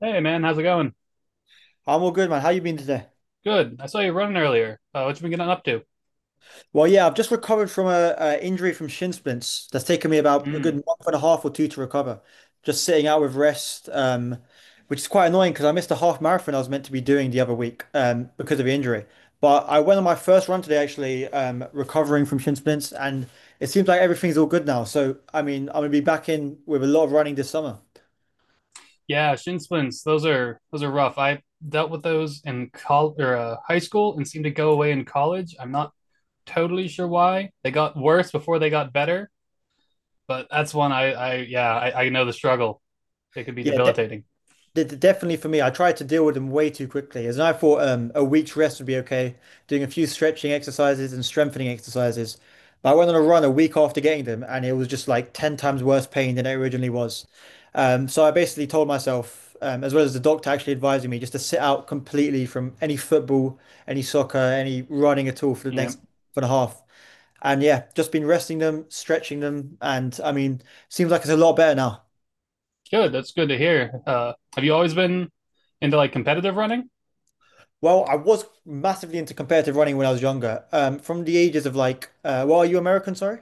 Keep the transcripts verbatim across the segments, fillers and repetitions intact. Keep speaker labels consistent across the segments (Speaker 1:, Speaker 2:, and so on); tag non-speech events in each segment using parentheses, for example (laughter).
Speaker 1: Hey man, how's it going?
Speaker 2: I'm all good, man. How you been today?
Speaker 1: Good. I saw you running earlier. Uh, what you been getting up to?
Speaker 2: Well, yeah, I've just recovered from a, a injury from shin splints. That's taken me about a good
Speaker 1: Mm.
Speaker 2: month and a half or two to recover. Just sitting out with rest, um, which is quite annoying because I missed a half marathon I was meant to be doing the other week um, because of the injury. But I went on my first run today, actually, um, recovering from shin splints, and it seems like everything's all good now. So, I mean, I'm gonna be back in with a lot of running this summer.
Speaker 1: Yeah, shin splints. Those are those are rough. I dealt with those in col or uh, high school, and seemed to go away in college. I'm not totally sure why. They got worse before they got better, but that's one I I yeah I, I know the struggle. It could be
Speaker 2: Yeah, de-
Speaker 1: debilitating.
Speaker 2: de- definitely for me, I tried to deal with them way too quickly. As in, I thought um, a week's rest would be okay, doing a few stretching exercises and strengthening exercises. But I went on a run a week after getting them, and it was just like ten times worse pain than it originally was. Um, so I basically told myself, um, as well as the doctor actually advising me, just to sit out completely from any football, any soccer, any running at all for the
Speaker 1: Yeah,
Speaker 2: next for the half. And yeah, just been resting them, stretching them, and I mean, seems like it's a lot better now.
Speaker 1: good. That's good to hear. Uh, have you always been into like competitive running?
Speaker 2: Well, I was massively into competitive running when I was younger. Um, from the ages of like, uh, well, are you American? Sorry.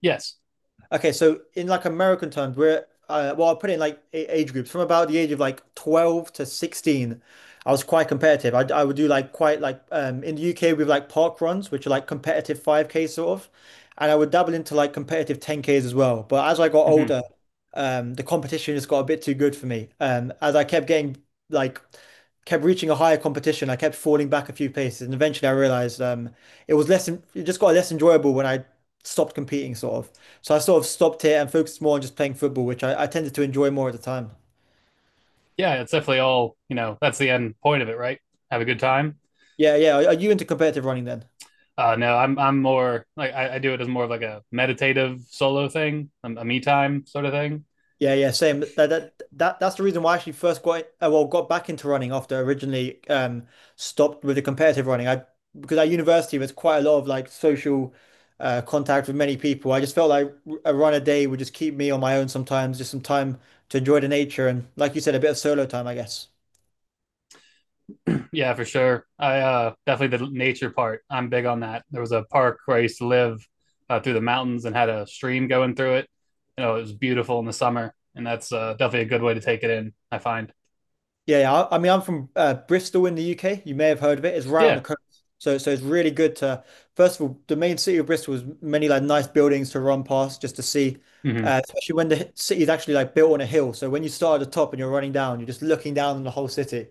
Speaker 1: Yes.
Speaker 2: Okay, so in like American terms, we're uh, well, I'll put it in like a- age groups from about the age of like twelve to sixteen. I was quite competitive. I, I would do like quite like um, in the U K we have like park runs, which are like competitive five K sort of, and I would dabble into like competitive ten Ks as well. But as I got
Speaker 1: Hmm.
Speaker 2: older, um, the competition just got a bit too good for me. Um, as I kept getting like kept reaching a higher competition, I kept falling back a few paces, and eventually I realized um, it was less en- it just got less enjoyable when I stopped competing, sort of. So I sort of stopped it and focused more on just playing football, which I, I tended to enjoy more at the time.
Speaker 1: Yeah, it's definitely all you know. That's the end point of it, right? Have a good time.
Speaker 2: Yeah, yeah. Are, are you into competitive running then?
Speaker 1: Uh, no, I'm I'm more like I, I do it as more of like a meditative solo thing, a, a me time sort of thing.
Speaker 2: Yeah, yeah, same. That that that that's the reason why I actually first got uh, well got back into running after I originally um stopped with the competitive running. I Because at university was quite a lot of like social uh, contact with many people. I just felt like a run a day would just keep me on my own sometimes, just some time to enjoy the nature and like you said, a bit of solo time, I guess.
Speaker 1: (clears throat) Yeah, for sure. I uh, definitely the nature part. I'm big on that. There was a park where I used to live uh, through the mountains and had a stream going through it. You know, it was beautiful in the summer, and that's uh, definitely a good way to take it in, I find.
Speaker 2: Yeah, yeah. I, I mean, I'm from uh, Bristol in the U K. You may have heard of it. It's right on the
Speaker 1: Yeah.
Speaker 2: coast, so so it's really good to. First of all, the main city of Bristol has many like nice buildings to run past just to see,
Speaker 1: Hmm.
Speaker 2: uh, especially when the hi- city is actually like built on a hill. So when you start at the top and you're running down, you're just looking down on the whole city.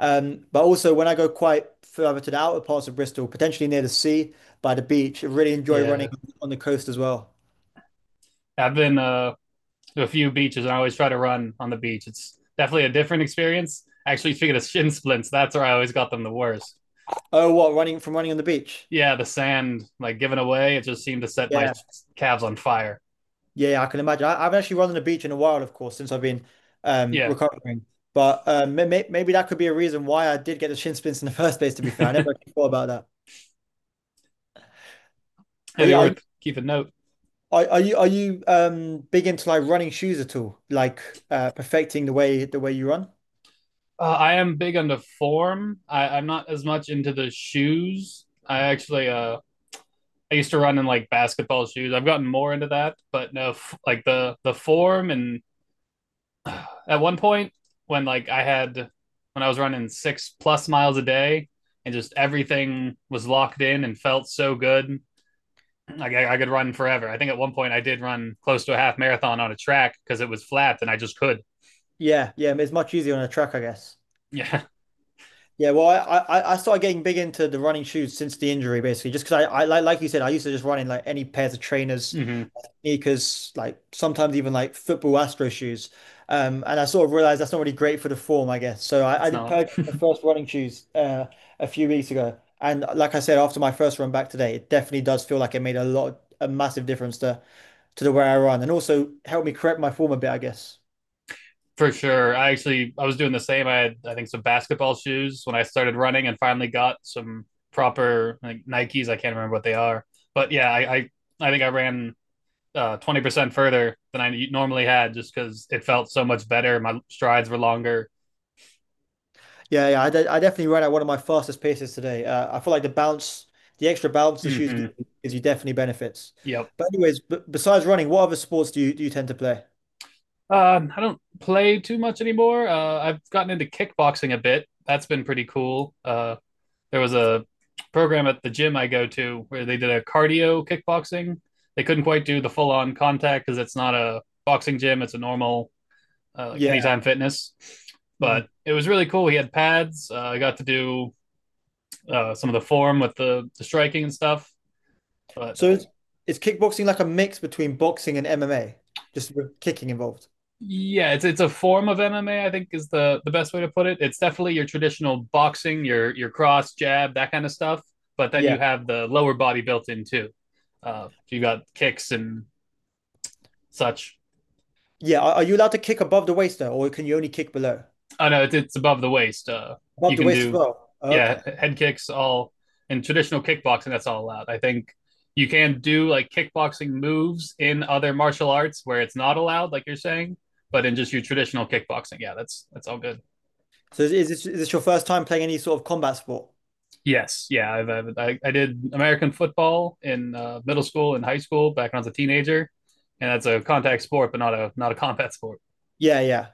Speaker 2: Um, but also when I go quite further to the outer parts of Bristol, potentially near the sea, by the beach, I really enjoy running
Speaker 1: Yeah.
Speaker 2: on the coast as well.
Speaker 1: I've been uh, to a few beaches, and I always try to run on the beach. It's definitely a different experience. Actually, speaking of shin splints, that's where I always got them the worst.
Speaker 2: Oh, what running from running on the beach?
Speaker 1: Yeah, the sand like given away, it just seemed to set my
Speaker 2: Yeah.
Speaker 1: calves on fire.
Speaker 2: Yeah, yeah, I can imagine. I, I haven't actually run on the beach in a while, of course, since I've been um,
Speaker 1: Yeah.
Speaker 2: recovering. But um, may, may- maybe that could be a reason why I did get the shin splints in the (laughs) first place.
Speaker 1: (laughs)
Speaker 2: To be fair, I
Speaker 1: It'd
Speaker 2: never actually thought about that. But
Speaker 1: be
Speaker 2: yeah, are you
Speaker 1: worth keeping note.
Speaker 2: are, are you are you um big into like running shoes at all? Like uh, perfecting the way the way you run?
Speaker 1: Uh, I am big into form. I, I'm not as much into the shoes. I actually uh I used to run in like basketball shoes. I've gotten more into that, but no, f- like the the form and (sighs) uh, at one point when like I had when I was running six plus miles a day, and just everything was locked in and felt so good. Like, I, I could run forever. I think at one point I did run close to a half marathon on a track because it was flat and I just could. (laughs)
Speaker 2: Yeah, yeah, it's much easier on a track, I guess.
Speaker 1: Yeah.
Speaker 2: Yeah, well, I, I I started getting big into the running shoes since the injury, basically, just because I, I like like you said, I used to just run in like any pairs of trainers
Speaker 1: Hmm.
Speaker 2: sneakers, like sometimes even like football Astro shoes. Um, and I sort of realized that's not really great for the form, I guess. So I, I
Speaker 1: It's
Speaker 2: did
Speaker 1: not.
Speaker 2: purchase the first running shoes uh, a few weeks ago. And like I said, after my first run back today, it definitely does feel like it made a lot, a massive difference to to the way I run and also helped me correct my form a bit, I guess.
Speaker 1: For sure. I actually I was doing the same. I had, I think, some basketball shoes when I started running, and finally got some proper like Nikes. I can't remember what they are, but yeah, I I, I think I ran uh, twenty percent further than I normally had, just because it felt so much better. My strides were longer.
Speaker 2: Yeah, yeah, I, de I definitely ran at one of my fastest paces today. Uh, I feel like the bounce, the extra bounce the shoes give
Speaker 1: Hmm.
Speaker 2: you, gives you definitely benefits.
Speaker 1: Yep.
Speaker 2: But anyways, b besides running, what other sports do you do you tend to play?
Speaker 1: Uh, I don't play too much anymore. Uh, I've gotten into kickboxing a bit. That's been pretty cool. Uh, there was a program at the gym I go to where they did a cardio kickboxing. They couldn't quite do the full on contact because it's not a boxing gym. It's a normal uh, like
Speaker 2: Yeah.
Speaker 1: Anytime Fitness,
Speaker 2: Mm.
Speaker 1: but it was really cool. He had pads. Uh, I got to do uh, some of the form with the, the striking and stuff. But
Speaker 2: So
Speaker 1: uh,
Speaker 2: is, is kickboxing like a mix between boxing and M M A, just with kicking involved?
Speaker 1: Yeah, it's it's a form of M M A, I think, is the the best way to put it. It's definitely your traditional boxing, your your cross jab, that kind of stuff. But then you
Speaker 2: Yeah.
Speaker 1: have the lower body built in too. Uh, so you got kicks and such.
Speaker 2: Yeah. Are, are you allowed to kick above the waist though, or can you only kick below?
Speaker 1: Oh no, it's, it's above the waist. Uh,
Speaker 2: Above
Speaker 1: you
Speaker 2: the
Speaker 1: can
Speaker 2: waist as
Speaker 1: do,
Speaker 2: well.
Speaker 1: yeah,
Speaker 2: Okay.
Speaker 1: head kicks all in traditional kickboxing. That's all allowed. I think you can do like kickboxing moves in other martial arts where it's not allowed, like you're saying. But in just your traditional kickboxing, yeah, that's that's all good.
Speaker 2: So is, is this is this your first time playing any sort of combat sport?
Speaker 1: Yes, yeah, I've, I've I, I did American football in uh, middle school and high school back when I was a teenager, and that's a contact sport, but not a not a combat sport.
Speaker 2: Yeah, yeah.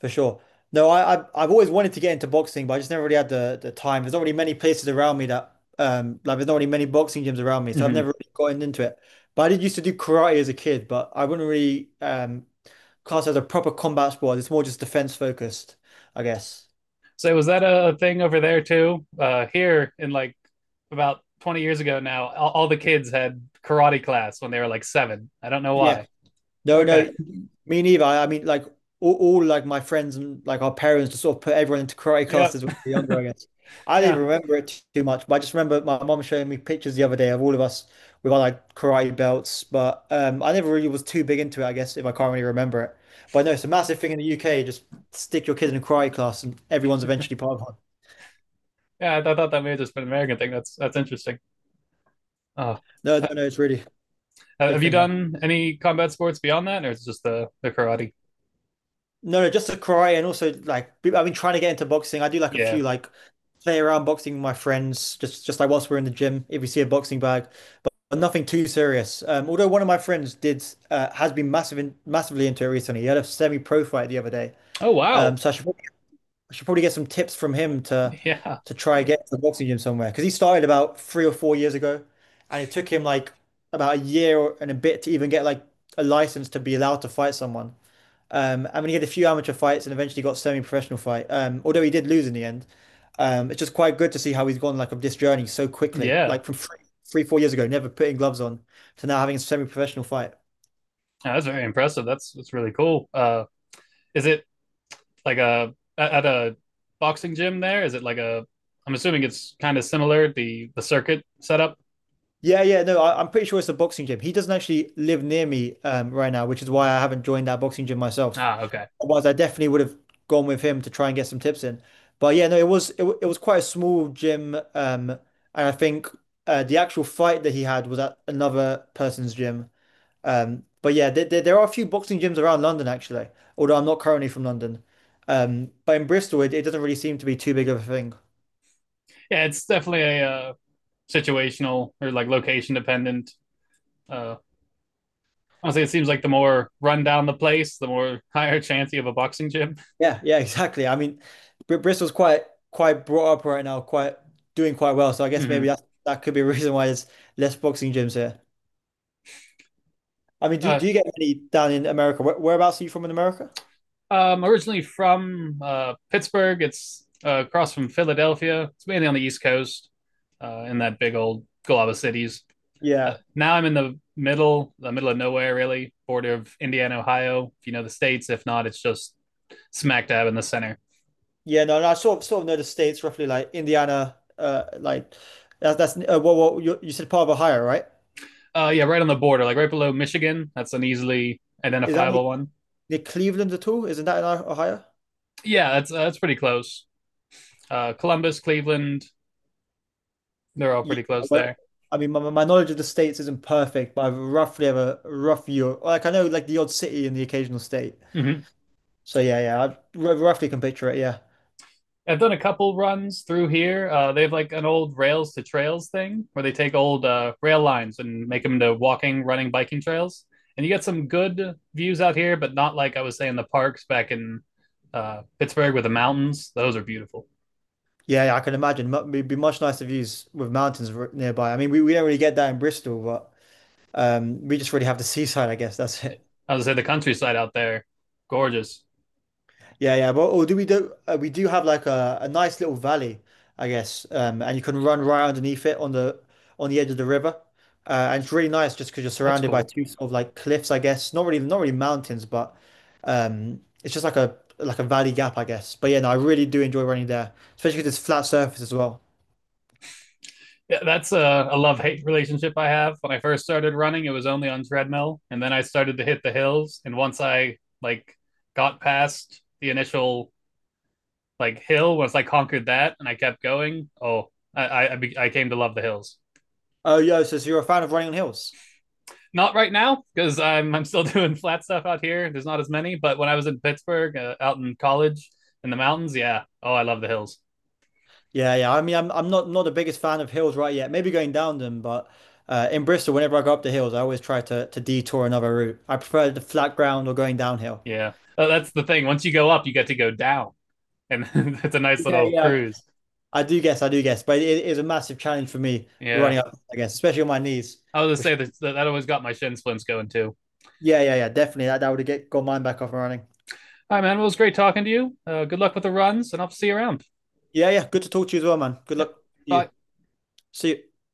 Speaker 2: For sure. No, I, I've I've always wanted to get into boxing, but I just never really had the, the time. There's not really many places around me that um like there's not really many boxing gyms around me, so I've
Speaker 1: Mm-hmm.
Speaker 2: never really gotten into it. But I did used to do karate as a kid, but I wouldn't really um class it as a proper combat sport. It's more just defense focused, I guess.
Speaker 1: So was that a thing over there too? Uh, here in like about twenty years ago now, all, all the kids had karate class when they were like seven. I don't know
Speaker 2: Yeah,
Speaker 1: why.
Speaker 2: No, no,
Speaker 1: Okay.
Speaker 2: me neither. I mean, like all, all like my friends and like our parents just sort of put everyone into karate
Speaker 1: (laughs)
Speaker 2: classes when
Speaker 1: Yep,
Speaker 2: we were younger, I guess. I didn't
Speaker 1: yeah,
Speaker 2: remember it t- too much, but I just remember my mom showing me pictures the other day of all of us with our like karate belts. But um, I never really was too big into it, I guess, if I can't really remember it. But no, it's a massive thing in the U K. Just stick your kid in a karate class, and everyone's eventually part of one.
Speaker 1: yeah. I, th- I thought that may have just been an American thing. That's that's interesting. Oh,
Speaker 2: No, no,
Speaker 1: Uh,
Speaker 2: no, It's really a
Speaker 1: uh,
Speaker 2: big
Speaker 1: have you
Speaker 2: thing here.
Speaker 1: done any combat sports beyond that, or is it just the the karate?
Speaker 2: No, no, just to cry and also like I've been trying to get into boxing. I do like a
Speaker 1: Yeah.
Speaker 2: few like play around boxing with my friends, just just like whilst we're in the gym, if we see a boxing bag, but nothing too serious. Um, although one of my friends did uh, has been massive in, massively into it recently. He had a semi-pro fight the other day.
Speaker 1: Oh
Speaker 2: Um,
Speaker 1: wow.
Speaker 2: so I should probably, I should probably get some tips from him to
Speaker 1: (laughs) Yeah.
Speaker 2: to try and get to the boxing gym somewhere because he started about three or four years ago, and it took him like about a year and a bit to even get like a license to be allowed to fight someone. Um, I mean, he had a few amateur fights and eventually got semi-professional fight. Um, although he did lose in the end. Um, it's just quite good to see how he's gone like of this journey so quickly,
Speaker 1: Yeah,
Speaker 2: like from three, three, four years ago, never putting gloves on to now having a semi-professional fight.
Speaker 1: no, that's very impressive. That's that's really cool. Uh, is it like a at at a boxing gym there? Is it like a? I'm assuming it's kind of similar, the the circuit setup.
Speaker 2: Yeah, yeah, no, I, I'm pretty sure it's a boxing gym. He doesn't actually live near me um, right now, which is why I haven't joined that boxing gym myself.
Speaker 1: Ah, okay.
Speaker 2: Otherwise, I definitely would have gone with him to try and get some tips in. But yeah, no, it was it, wa- it was quite a small gym, um, and I think uh, the actual fight that he had was at another person's gym. Um, but yeah, there, there, there are a few boxing gyms around London actually, although I'm not currently from London. Um, but in Bristol, it, it doesn't really seem to be too big of a thing.
Speaker 1: Yeah, it's definitely a uh, situational or like location dependent Uh, Honestly, it seems like the more run down the place, the more (laughs) higher chance you have a boxing gym.
Speaker 2: Yeah, yeah, (laughs) exactly. I mean, Br Bristol's quite quite brought up right now, quite doing quite well. So I
Speaker 1: (laughs)
Speaker 2: guess
Speaker 1: Hmm.
Speaker 2: maybe that that could be a (laughs) reason why there's less boxing gyms here. I mean, do,
Speaker 1: Uh,
Speaker 2: do you get any down in America? Where, whereabouts are you from in America?
Speaker 1: I'm originally from uh, Pittsburgh. It's uh, across from Philadelphia. It's mainly on the East Coast, uh, in that big old glob of cities. Uh,
Speaker 2: Yeah,
Speaker 1: now I'm in the middle, the middle of nowhere, really, border of Indiana, Ohio. If you know the states, if not, it's just smack dab in the center.
Speaker 2: yeah. No, no. I sort of sort of know the states roughly, like Indiana. Uh, like that's that's uh, well, well, you, you said part of Ohio, right?
Speaker 1: Uh, yeah, right on the border, like right below Michigan. That's an easily
Speaker 2: Is that
Speaker 1: identifiable
Speaker 2: any
Speaker 1: one.
Speaker 2: near Cleveland at all? Isn't that in O- Ohio?
Speaker 1: Yeah, that's uh, that's pretty close. Uh, Columbus, Cleveland, they're all
Speaker 2: Yeah,
Speaker 1: pretty close
Speaker 2: well,
Speaker 1: there.
Speaker 2: I mean, my, my knowledge of the states isn't perfect, but I roughly have a rough view. Like I know, like the odd city and the occasional state.
Speaker 1: Hmm.
Speaker 2: So yeah, yeah, I r- roughly can picture it. Yeah,
Speaker 1: I've done a couple runs through here. Uh, they have like an old rails to trails thing where they take old uh, rail lines and make them into walking, running, biking trails. And you get some good views out here, but not like I was saying, the parks back in uh, Pittsburgh with the mountains. Those are beautiful.
Speaker 2: yeah, yeah I can imagine. Mu- It'd be much nicer views with mountains r- nearby. I mean, we, we don't really get that in Bristol, but um, we just really have the seaside, I guess. That's it.
Speaker 1: I would say the countryside out there, gorgeous.
Speaker 2: Yeah, yeah. Well, or do we do uh, we do have like a, a nice little valley, I guess, um, and you can run right underneath it on the on the edge of the river, uh, and it's really nice just because you're
Speaker 1: That's
Speaker 2: surrounded by
Speaker 1: cool.
Speaker 2: two sort of like cliffs, I guess. Not really, not really mountains, but um, it's just like a like a valley gap, I guess. But yeah, no, I really do enjoy running there, especially because it's flat surface as well.
Speaker 1: Yeah, that's a, a love hate relationship I have. When I first started running, it was only on treadmill, and then I started to hit the hills. And once I like got past the initial like hill, once I conquered that and I kept going, oh, I I, I came to love the hills.
Speaker 2: Oh, yo, so, so you're a fan of running on hills?
Speaker 1: Not right now because I'm I'm still (laughs) doing flat stuff out here. There's not as many, but when I was in Pittsburgh, uh, out in college in the mountains, yeah. Oh, I love the hills.
Speaker 2: Yeah, yeah. I mean, I'm I'm not not the biggest fan of hills right yet. Maybe going down them, but uh, in Bristol, whenever I go up the hills, I always try to to detour another route. I prefer the flat ground or going downhill.
Speaker 1: Yeah. Uh, that's the thing. Once you go up, you get to go down, and (laughs) it's a nice
Speaker 2: Yeah,
Speaker 1: little
Speaker 2: yeah.
Speaker 1: cruise.
Speaker 2: I do guess, I do guess, but it is a massive challenge for me
Speaker 1: Yeah,
Speaker 2: running up, I guess, especially on my knees.
Speaker 1: I was
Speaker 2: Which,
Speaker 1: gonna say that that always got my shin splints going too.
Speaker 2: yeah, yeah, yeah, definitely. That that would have get got mine back up and running.
Speaker 1: All right, man. Well, it was great talking to you. Uh, good luck with the runs, and I'll see you around.
Speaker 2: Yeah, yeah. Good to talk to you as well, man. Good
Speaker 1: Yep.
Speaker 2: luck to you.
Speaker 1: Bye.
Speaker 2: See you.